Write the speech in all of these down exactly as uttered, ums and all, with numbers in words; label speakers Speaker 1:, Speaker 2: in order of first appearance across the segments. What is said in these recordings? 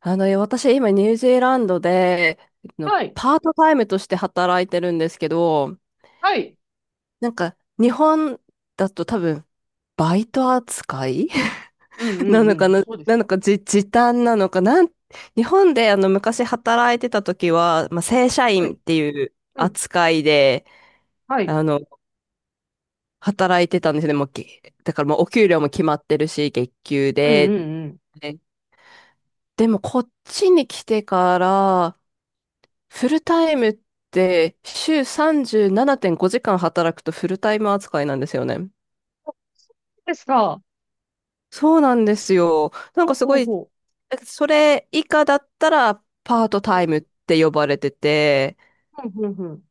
Speaker 1: あの、いや、私今ニュージーランドで、あの
Speaker 2: はい。
Speaker 1: パートタイムとして働いてるんですけど、
Speaker 2: はい。
Speaker 1: なんか日本だと多分バイト扱い
Speaker 2: うん う
Speaker 1: なの
Speaker 2: んう
Speaker 1: か
Speaker 2: ん。
Speaker 1: な、
Speaker 2: そうです。
Speaker 1: なのかじ、時短なのかなん、日本であの昔働いてた時は、まあ、正社
Speaker 2: は
Speaker 1: 員っ
Speaker 2: い。
Speaker 1: ていう
Speaker 2: うん。
Speaker 1: 扱いで、
Speaker 2: は
Speaker 1: あ
Speaker 2: い。
Speaker 1: の、働いてたんですね。もうけ、だからもうお給料も決まってるし、月給
Speaker 2: うん
Speaker 1: で。
Speaker 2: うんうん。
Speaker 1: で、でもこっちに来てから、フルタイムって週さんじゅうななてんごじかん働くとフルタイム扱いなんですよね。
Speaker 2: あ、そうですか。
Speaker 1: そうなんですよ。なん
Speaker 2: ほ
Speaker 1: か
Speaker 2: う
Speaker 1: す
Speaker 2: ほ
Speaker 1: ご
Speaker 2: う
Speaker 1: い、
Speaker 2: ほ
Speaker 1: それ以下だったらパート
Speaker 2: う。う
Speaker 1: タイムって呼ばれてて、
Speaker 2: ん。うんうんうん。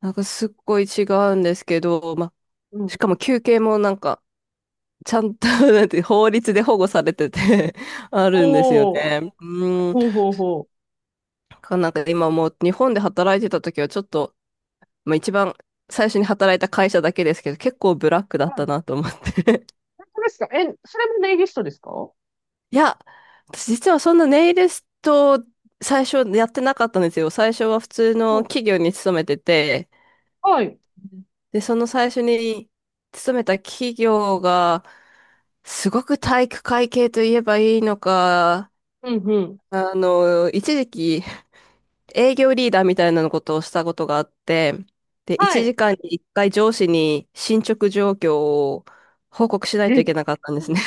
Speaker 1: なんかすっごい違うんですけど、ま、
Speaker 2: う
Speaker 1: し
Speaker 2: ん。
Speaker 1: かも休憩もなんかちゃんと なんて法律で保護されてて あるんですよ
Speaker 2: おー。
Speaker 1: ね。うん。
Speaker 2: ほうほうほ
Speaker 1: なんか今もう日本で働いてた時はちょっとまあ、一番最初に働いた会社だけですけど、結構ブラックだ
Speaker 2: う。
Speaker 1: っ
Speaker 2: は
Speaker 1: た
Speaker 2: い。
Speaker 1: なと思って。
Speaker 2: 本当ですか？え、それもネイリストですか？ほ
Speaker 1: いや、私実はそんなネイリスト最初やってなかったんですよ。最初は普通
Speaker 2: うほ
Speaker 1: の
Speaker 2: う。
Speaker 1: 企業に勤めてて、
Speaker 2: はい。
Speaker 1: で、その最初に勤めた企業が、すごく体育会系といえばいいのか、
Speaker 2: うんうん。
Speaker 1: あの、一時期営業リーダーみたいなことをしたことがあって、で、
Speaker 2: は
Speaker 1: 1
Speaker 2: い。
Speaker 1: 時間にいっかい上司に進捗状況を報告しないと
Speaker 2: え、
Speaker 1: い
Speaker 2: す
Speaker 1: けなかったんですね。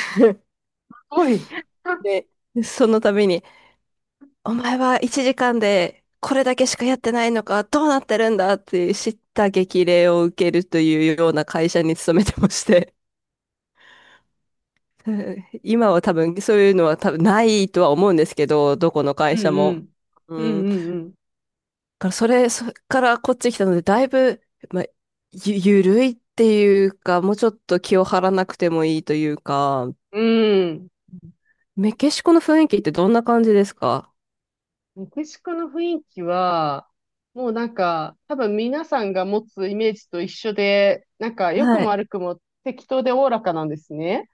Speaker 2: ごい。
Speaker 1: で、その度に、お前はいちじかんでこれだけしかやってないのか、どうなってるんだって叱咤激励を受けるというような会社に勤めてまして、うん。今は多分そういうのは多分ないとは思うんですけど、どこの
Speaker 2: う
Speaker 1: 会
Speaker 2: ん
Speaker 1: 社
Speaker 2: う
Speaker 1: も。
Speaker 2: ん。う
Speaker 1: うん
Speaker 2: んうん
Speaker 1: からそれ、それからこっち来たので、だいぶ、まあ、ゆ、ゆるいっていうか、もうちょっと気を張らなくてもいいというか、
Speaker 2: うん。うん。
Speaker 1: メキシコの雰囲気ってどんな感じですか？
Speaker 2: メキシコの雰囲気は、もうなんか、多分皆さんが持つイメージと一緒で、なんか、良く
Speaker 1: は
Speaker 2: も
Speaker 1: い。
Speaker 2: 悪くも適当でおおらかなんですね。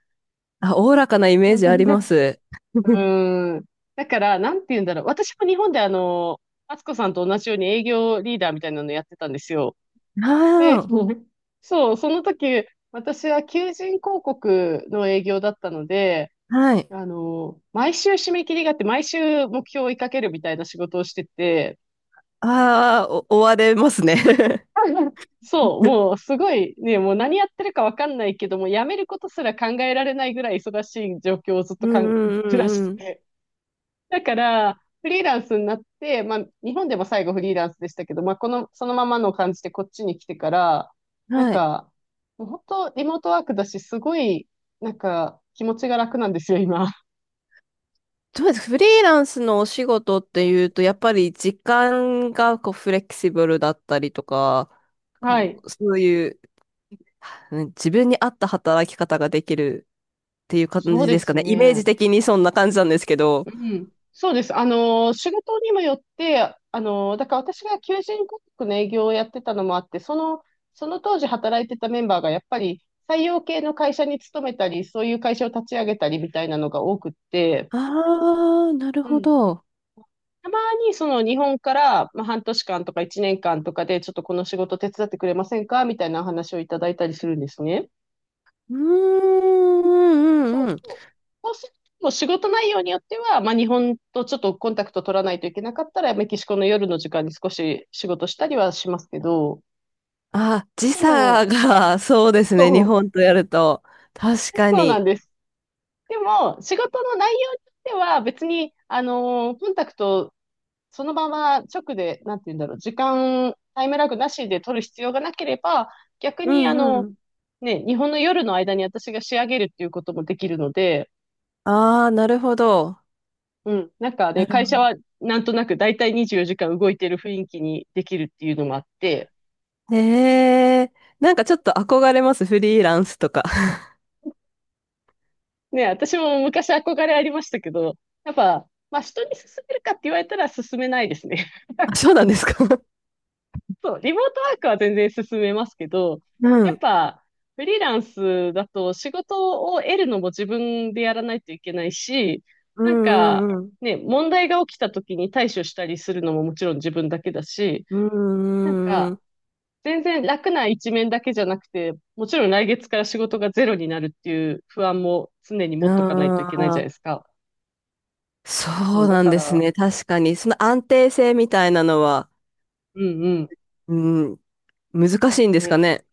Speaker 1: あ、おおらかなイメ
Speaker 2: う
Speaker 1: ージありま
Speaker 2: ん。
Speaker 1: す。
Speaker 2: うん。だから、なんて言うんだろう。私も日本であの、敦子さんと同じように営業リーダーみたいなのやってたんですよ。で、
Speaker 1: あ
Speaker 2: そう、その時、私は求人広告の営業だったので、
Speaker 1: あ、はい。
Speaker 2: あの、毎週締め切りがあって、毎週目標を追いかけるみたいな仕事をしてて、
Speaker 1: ああ、お追われますね。
Speaker 2: そう、もうすごいね、もう何やってるかわかんないけども、辞めることすら考えられないぐらい忙しい状況をずっと
Speaker 1: うん
Speaker 2: かん、
Speaker 1: うん
Speaker 2: 暮らし
Speaker 1: う
Speaker 2: て
Speaker 1: んうん。
Speaker 2: て。だから、フリーランスになって、まあ、日本でも最後フリーランスでしたけど、まあ、この、そのままの感じでこっちに来てから、なん
Speaker 1: はい。
Speaker 2: か、もう本当リモートワークだし、すごい、なんか、気持ちが楽なんですよ、今。
Speaker 1: どうです、フリーランスのお仕事っていうと、やっぱり時間がこうフレキシブルだったりとか、
Speaker 2: は
Speaker 1: こ
Speaker 2: い。
Speaker 1: うそういう、うん、自分に合った働き方ができるっていう感
Speaker 2: そう
Speaker 1: じで
Speaker 2: で
Speaker 1: すか
Speaker 2: す
Speaker 1: ね。イメー
Speaker 2: ね。
Speaker 1: ジ的にそんな感じなんですけど。
Speaker 2: うん、そうです。あのー、仕事にもよって、あのー、だから私が求人広告の営業をやってたのもあって、その、その当時働いてたメンバーがやっぱり採用系の会社に勤めたり、そういう会社を立ち上げたりみたいなのが多くって、
Speaker 1: ああ、なる
Speaker 2: う
Speaker 1: ほ
Speaker 2: ん。
Speaker 1: ど。
Speaker 2: たまにその日本から、まあ、半年間とかいちねんかんとかで、ちょっとこの仕事手伝ってくれませんかみたいなお話をいただいたりするんですね。
Speaker 1: うーん、う
Speaker 2: そ
Speaker 1: ん、
Speaker 2: う
Speaker 1: うん。
Speaker 2: そう。そうすると、もう仕事内容によっては、まあ、日本とちょっとコンタクト取らないといけなかったら、メキシコの夜の時間に少し仕事したりはしますけど、
Speaker 1: あ、時
Speaker 2: で
Speaker 1: 差
Speaker 2: も、
Speaker 1: が、そうですね。日
Speaker 2: そう、
Speaker 1: 本とやると。確か
Speaker 2: そうなん
Speaker 1: に。
Speaker 2: です。でも、仕事の内容によっては、別に、あのーコンタクト、そのまま直で、なんて言うんだろう、時間、タイムラグなしで取る必要がなければ、逆
Speaker 1: う
Speaker 2: に、あ
Speaker 1: んう
Speaker 2: の、
Speaker 1: ん。
Speaker 2: ね、日本の夜の間に私が仕上げるっていうこともできるので、
Speaker 1: ああ、なるほど。
Speaker 2: うん。なんかで、
Speaker 1: なるほ
Speaker 2: 会社はなんとなく大体にじゅうよじかん動いてる雰囲気にできるっていうのもあって、
Speaker 1: ど。へえ。なんかちょっと憧れます。フリーランスとか。
Speaker 2: ね、私も昔憧れありましたけど、やっぱ、まあ人に勧めるかって言われたら勧めないですね。
Speaker 1: あ、そうなんですか？
Speaker 2: そう、リモートワークは全然勧めますけど、
Speaker 1: う
Speaker 2: やっ
Speaker 1: ん。
Speaker 2: ぱ、フリーランスだと仕事を得るのも自分でやらないといけないし、
Speaker 1: う
Speaker 2: なん
Speaker 1: ん
Speaker 2: か、
Speaker 1: うんうん。
Speaker 2: ね、問題が起きた時に対処したりするのももちろん自分だけだし、
Speaker 1: う
Speaker 2: なん
Speaker 1: んう
Speaker 2: か、
Speaker 1: ん
Speaker 2: 全然楽な一面だけじゃなくて、もちろん来月から仕事がゼロになるっていう不安も常に
Speaker 1: う
Speaker 2: 持っとかないとい
Speaker 1: ん。
Speaker 2: けない
Speaker 1: あ
Speaker 2: じゃないで
Speaker 1: あ。
Speaker 2: すか。
Speaker 1: そ
Speaker 2: そう、
Speaker 1: う
Speaker 2: だ
Speaker 1: なん
Speaker 2: か
Speaker 1: です
Speaker 2: ら、
Speaker 1: ね。確かに。その安定性みたいなのは、
Speaker 2: うんうん。
Speaker 1: うん、難しいんですか
Speaker 2: ね。
Speaker 1: ね。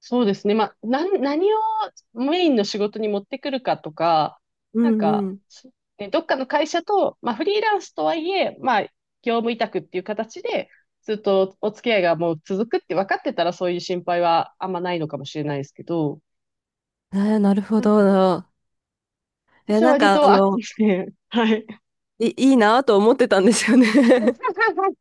Speaker 2: そうですね。まあ、なん、何をメインの仕事に持ってくるかとか、
Speaker 1: う
Speaker 2: なん
Speaker 1: んう
Speaker 2: か、
Speaker 1: ん。
Speaker 2: ね、どっかの会社と、まあ、フリーランスとはいえ、まあ、業務委託っていう形で、ずっとお付き合いがもう続くって分かってたら、そういう心配はあんまないのかもしれないですけど、
Speaker 1: えーなるほ
Speaker 2: なんかね、
Speaker 1: ど。えー
Speaker 2: 私は
Speaker 1: なん
Speaker 2: 割
Speaker 1: か、あ
Speaker 2: と、あ、
Speaker 1: の、
Speaker 2: ですね、はい。
Speaker 1: い、いいなと思ってたんですよね。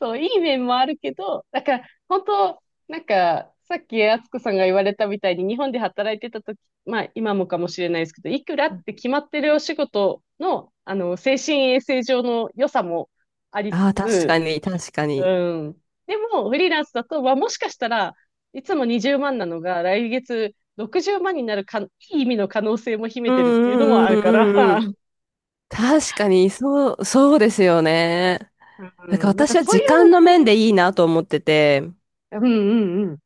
Speaker 2: そう、いい面もあるけど、だから、本当なんか、さっき敦子さんが言われたみたいに、日本で働いてた時、まあ、今もかもしれないですけど、いくらって決まってるお仕事の、あの、精神衛生上の良さもありつ
Speaker 1: ああ、確か
Speaker 2: つ、
Speaker 1: に、確か
Speaker 2: う
Speaker 1: に。
Speaker 2: ん。でも、フリーランスだと、はもしかしたらいつもにじゅうまんなのが、来月ろくじゅうまんになるか、いい意味の可能性も秘め
Speaker 1: う
Speaker 2: てるっていうのも
Speaker 1: んうん
Speaker 2: あ
Speaker 1: う
Speaker 2: るから、
Speaker 1: んうんうん。確かに、そう、そうですよね。
Speaker 2: う
Speaker 1: なんか
Speaker 2: ん、なんか
Speaker 1: 私は
Speaker 2: そうい
Speaker 1: 時間の面
Speaker 2: うね、
Speaker 1: でいいなと思ってて、
Speaker 2: うんうんうん。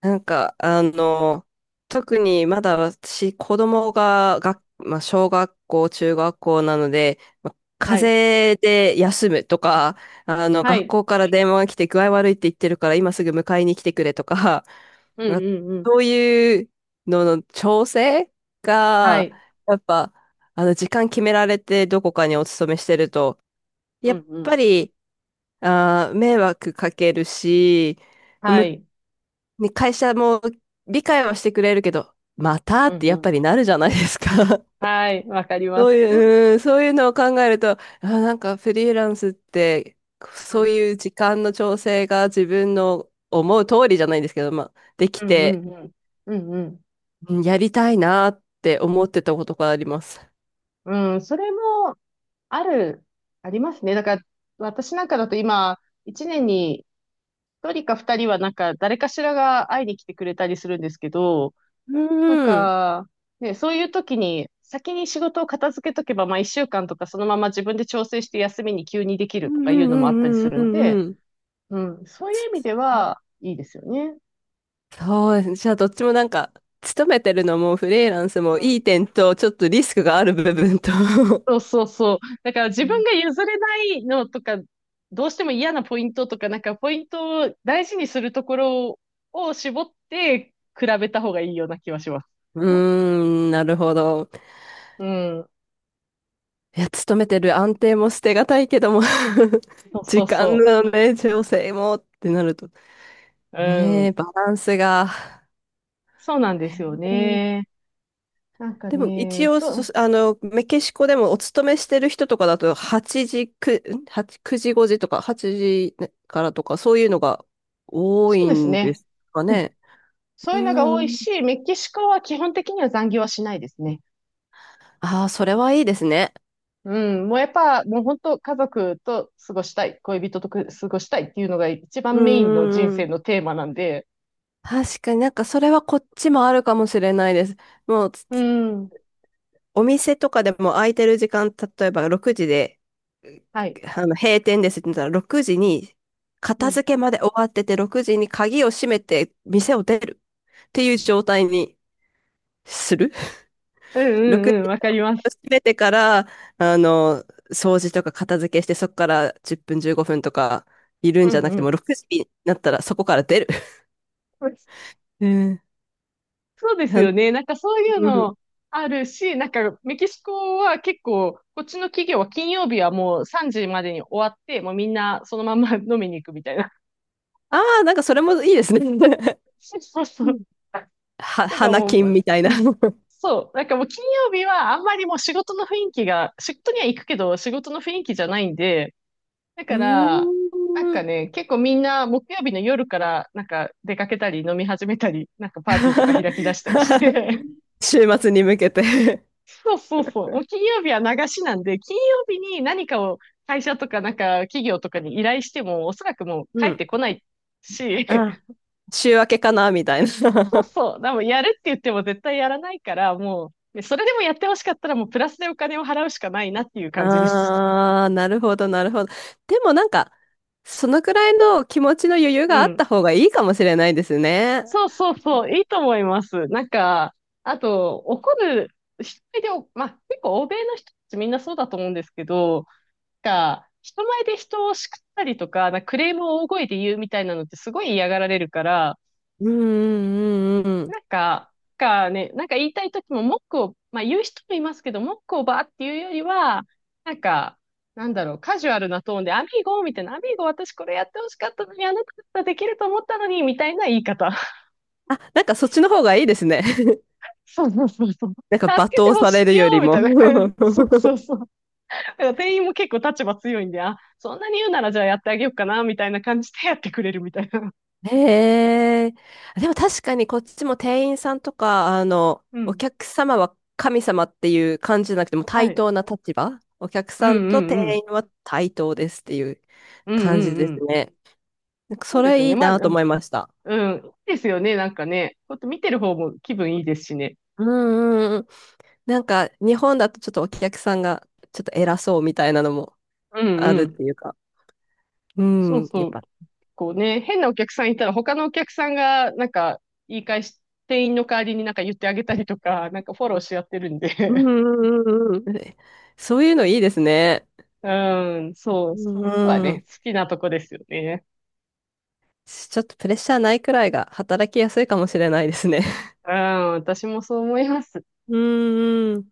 Speaker 1: なんか、あの、特にまだ私、子供が、が、まあ、小学校、中学校なので、まあ、
Speaker 2: はい。
Speaker 1: 風邪で休むとか、あの、
Speaker 2: は
Speaker 1: 学
Speaker 2: い。
Speaker 1: 校から電話が来て具合悪いって言ってるから、今すぐ迎えに来てくれとか、
Speaker 2: うん
Speaker 1: あ
Speaker 2: うんうん。
Speaker 1: そういうのの調整
Speaker 2: は
Speaker 1: が、
Speaker 2: い。
Speaker 1: やっぱ、あの、時間決められてどこかにお勤めしてると、
Speaker 2: う
Speaker 1: やっ
Speaker 2: んう
Speaker 1: ぱ
Speaker 2: ん。
Speaker 1: り、あー、迷惑かけるし、
Speaker 2: は
Speaker 1: む、
Speaker 2: い。
Speaker 1: ね、会社も理解はしてくれるけど、また
Speaker 2: う
Speaker 1: っ
Speaker 2: ん
Speaker 1: て
Speaker 2: う
Speaker 1: やっぱ
Speaker 2: ん。
Speaker 1: りなるじゃないですか。
Speaker 2: はい。わかりま
Speaker 1: そう
Speaker 2: す。
Speaker 1: い
Speaker 2: う
Speaker 1: う、うん、そういうのを考えると、あ、なんかフリーランスって、
Speaker 2: ん
Speaker 1: そういう時間の調整が自分の思う通りじゃないんですけど、まあ、でき
Speaker 2: うんう
Speaker 1: て、
Speaker 2: んうん。うんうん。
Speaker 1: うん、やりたいなって思ってたことがあります。
Speaker 2: うん、それも、ある、ありますね。だから、私なんかだと今、一年に一人か二人はなんか、誰かしらが会いに来てくれたりするんですけど、
Speaker 1: う
Speaker 2: なん
Speaker 1: ん、うん、
Speaker 2: か、ね、そういう時に、先に仕事を片付けとけば、まあ一週間とかそのまま自分で調整して休みに急にでき
Speaker 1: う
Speaker 2: ると
Speaker 1: ん、
Speaker 2: か
Speaker 1: う
Speaker 2: いうのもあったりす
Speaker 1: ん、
Speaker 2: る
Speaker 1: う
Speaker 2: ん
Speaker 1: ん、う
Speaker 2: で、
Speaker 1: ん。
Speaker 2: うん、そういう意味で
Speaker 1: うん、
Speaker 2: は、いいですよね。
Speaker 1: そう、じゃあどっちもなんか、勤めてるのもフリーランスもいい点と、ちょっとリスクがある部分と
Speaker 2: そうそうそう。だから自
Speaker 1: う
Speaker 2: 分
Speaker 1: ん
Speaker 2: が譲れないのとか、どうしても嫌なポイントとか、なんかポイントを大事にするところを絞って比べた方がいいような気はします。
Speaker 1: ーん、なるほど。
Speaker 2: うん。
Speaker 1: いや、勤めてる安定も捨てがたいけども
Speaker 2: そう そ
Speaker 1: 時
Speaker 2: う
Speaker 1: 間
Speaker 2: そ
Speaker 1: のね、調整もってなると、
Speaker 2: う。う
Speaker 1: ねえ、
Speaker 2: ん。
Speaker 1: バランスが。
Speaker 2: そうなんで
Speaker 1: へ
Speaker 2: すよ
Speaker 1: え。
Speaker 2: ね。なんか
Speaker 1: でも一
Speaker 2: ね、
Speaker 1: 応
Speaker 2: そ
Speaker 1: そ、
Speaker 2: う、
Speaker 1: あの、メキシコでもお勤めしてる人とかだと、はちじ、くんはち、くじごじとか、はちじからとか、そういうのが多
Speaker 2: そう
Speaker 1: い
Speaker 2: です
Speaker 1: んで
Speaker 2: ね。
Speaker 1: すかね。
Speaker 2: そ
Speaker 1: う
Speaker 2: ういうのが
Speaker 1: ー
Speaker 2: 多い
Speaker 1: ん。
Speaker 2: し、メキシコは基本的には残業はしないですね。
Speaker 1: ああ、それはいいですね。
Speaker 2: うん。もうやっぱ、もう本当家族と過ごしたい、恋人とく過ごしたいっていうのが一
Speaker 1: う
Speaker 2: 番
Speaker 1: ん
Speaker 2: メインの人
Speaker 1: うんう
Speaker 2: 生
Speaker 1: ん。
Speaker 2: のテーマなんで、
Speaker 1: 確かになんかそれはこっちもあるかもしれないです。もうつ
Speaker 2: う
Speaker 1: つ
Speaker 2: ん。
Speaker 1: お店とかでも空いてる時間、例えばろくじで、う
Speaker 2: はい。
Speaker 1: あの閉店ですって言ったらろくじに
Speaker 2: う
Speaker 1: 片
Speaker 2: ん。
Speaker 1: 付けまで終わっててろくじに鍵を閉めて店を出るっていう状態にする。
Speaker 2: うん
Speaker 1: 6
Speaker 2: うんうん、
Speaker 1: 時
Speaker 2: わかりま
Speaker 1: を
Speaker 2: す。
Speaker 1: 閉めてから、あの、掃除とか片付けしてそこからじゅっぷんじゅうごふんとかいるん
Speaker 2: う
Speaker 1: じゃ
Speaker 2: ん
Speaker 1: なく
Speaker 2: う
Speaker 1: ても
Speaker 2: ん。
Speaker 1: ろくじになったらそこから出る。ええ、
Speaker 2: そうです
Speaker 1: は、
Speaker 2: よね。なんかそういう
Speaker 1: うん。
Speaker 2: のあるし、なんかメキシコは結構、こっちの企業は金曜日はもうさんじまでに終わって、もうみんなそのまんま飲みに行くみたいな。
Speaker 1: ああ、なんかそれもいいですね。
Speaker 2: そうそう そ
Speaker 1: う
Speaker 2: う。
Speaker 1: ん、は、
Speaker 2: なんか
Speaker 1: 花
Speaker 2: も
Speaker 1: 金み
Speaker 2: う、
Speaker 1: たいな。
Speaker 2: そう。なんかもう金曜日はあんまりもう仕事の雰囲気が、仕事には行くけど仕事の雰囲気じゃないんで、だ
Speaker 1: う
Speaker 2: から、なん
Speaker 1: ーん。
Speaker 2: かね、結構みんな木曜日の夜からなんか出かけたり飲み始めたり、なんかパーティーとか 開き出したりして、
Speaker 1: 週末に向けて
Speaker 2: そうそうそう、もう金曜日は流しなんで、金曜日に何かを会社とかなんか企業とかに依頼しても、おそらくもう 帰
Speaker 1: う
Speaker 2: っ
Speaker 1: ん。
Speaker 2: てこないし、
Speaker 1: あ、週明けかなみたい
Speaker 2: そう
Speaker 1: な。
Speaker 2: そう、でもやるって言っても絶対やらないから、もう、ね、それでもやってほしかったらもうプラスでお金を払うしかないなっていう 感じです。
Speaker 1: ああ、なるほど、なるほど。でもなんか、そのくらいの気持ちの余裕
Speaker 2: う
Speaker 1: があっ
Speaker 2: ん。
Speaker 1: た方がいいかもしれないですね。
Speaker 2: そうそうそう、いいと思います。なんか、あと、怒る、人前でお、まあ、結構欧米の人たちみんなそうだと思うんですけど、なんか、人前で人を叱ったりとか、なんかクレームを大声で言うみたいなのってすごい嫌がられるから、
Speaker 1: うんうんうんうん、
Speaker 2: なんか、なんかね、なんか言いたい時も文句を、まあ言う人もいますけど、文句をバーっていうよりは、なんか、なんだろう、カジュアルなトーンで、アミーゴみたいな、アミーゴ私これやってほしかったのに、あなただったらできると思ったのに、みたいな言い方。
Speaker 1: あ、なんかそっちの方がいいですね。
Speaker 2: そうそうそうそう。
Speaker 1: なんか罵
Speaker 2: 助けて
Speaker 1: 倒
Speaker 2: ほ
Speaker 1: され
Speaker 2: し
Speaker 1: る
Speaker 2: いよ
Speaker 1: より
Speaker 2: み
Speaker 1: も。
Speaker 2: たいな感じ。そうそう そう。だから店員も結構立場強いんで、あ、そんなに言うならじゃあやってあげようかな、みたいな感じでやってくれるみたいな。
Speaker 1: へえ。でも確かにこっちも店員さんとか、あの、
Speaker 2: う
Speaker 1: お
Speaker 2: ん。
Speaker 1: 客様は神様っていう感じじゃなくてもう
Speaker 2: は
Speaker 1: 対
Speaker 2: い。
Speaker 1: 等な立場。お客
Speaker 2: うん
Speaker 1: さ
Speaker 2: う
Speaker 1: んと
Speaker 2: ん
Speaker 1: 店
Speaker 2: うん。
Speaker 1: 員は対等ですっていう
Speaker 2: うんう
Speaker 1: 感じ
Speaker 2: ん
Speaker 1: で
Speaker 2: う
Speaker 1: す
Speaker 2: ん。
Speaker 1: ね。なんか
Speaker 2: そ
Speaker 1: そ
Speaker 2: うですよ
Speaker 1: れい
Speaker 2: ね。
Speaker 1: い
Speaker 2: まあ、う
Speaker 1: なと
Speaker 2: ん。
Speaker 1: 思いました。
Speaker 2: うん、いいですよね。なんかね。こうやって見てる方も気分いいですしね。
Speaker 1: うんうんうん。なんか日本だとちょっとお客さんがちょっと偉そうみたいなのも
Speaker 2: うん
Speaker 1: あ
Speaker 2: う
Speaker 1: るっ
Speaker 2: ん。
Speaker 1: ていうか。う
Speaker 2: そう
Speaker 1: ん、や
Speaker 2: そ
Speaker 1: っ
Speaker 2: う。
Speaker 1: ぱ。
Speaker 2: こうね、変なお客さんいたら他のお客さんが、なんか、言い返し、店員の代わりになんか言ってあげたりとか、なんかフォローし合ってるんで、
Speaker 1: うんうんうんうん。そういうのいいですね。
Speaker 2: うん、そう。
Speaker 1: う
Speaker 2: そこはね、
Speaker 1: ん、
Speaker 2: 好きなとこですよね。
Speaker 1: ちょっとプレッシャーないくらいが働きやすいかもしれないですね。
Speaker 2: うん、私もそう思います。
Speaker 1: うんん。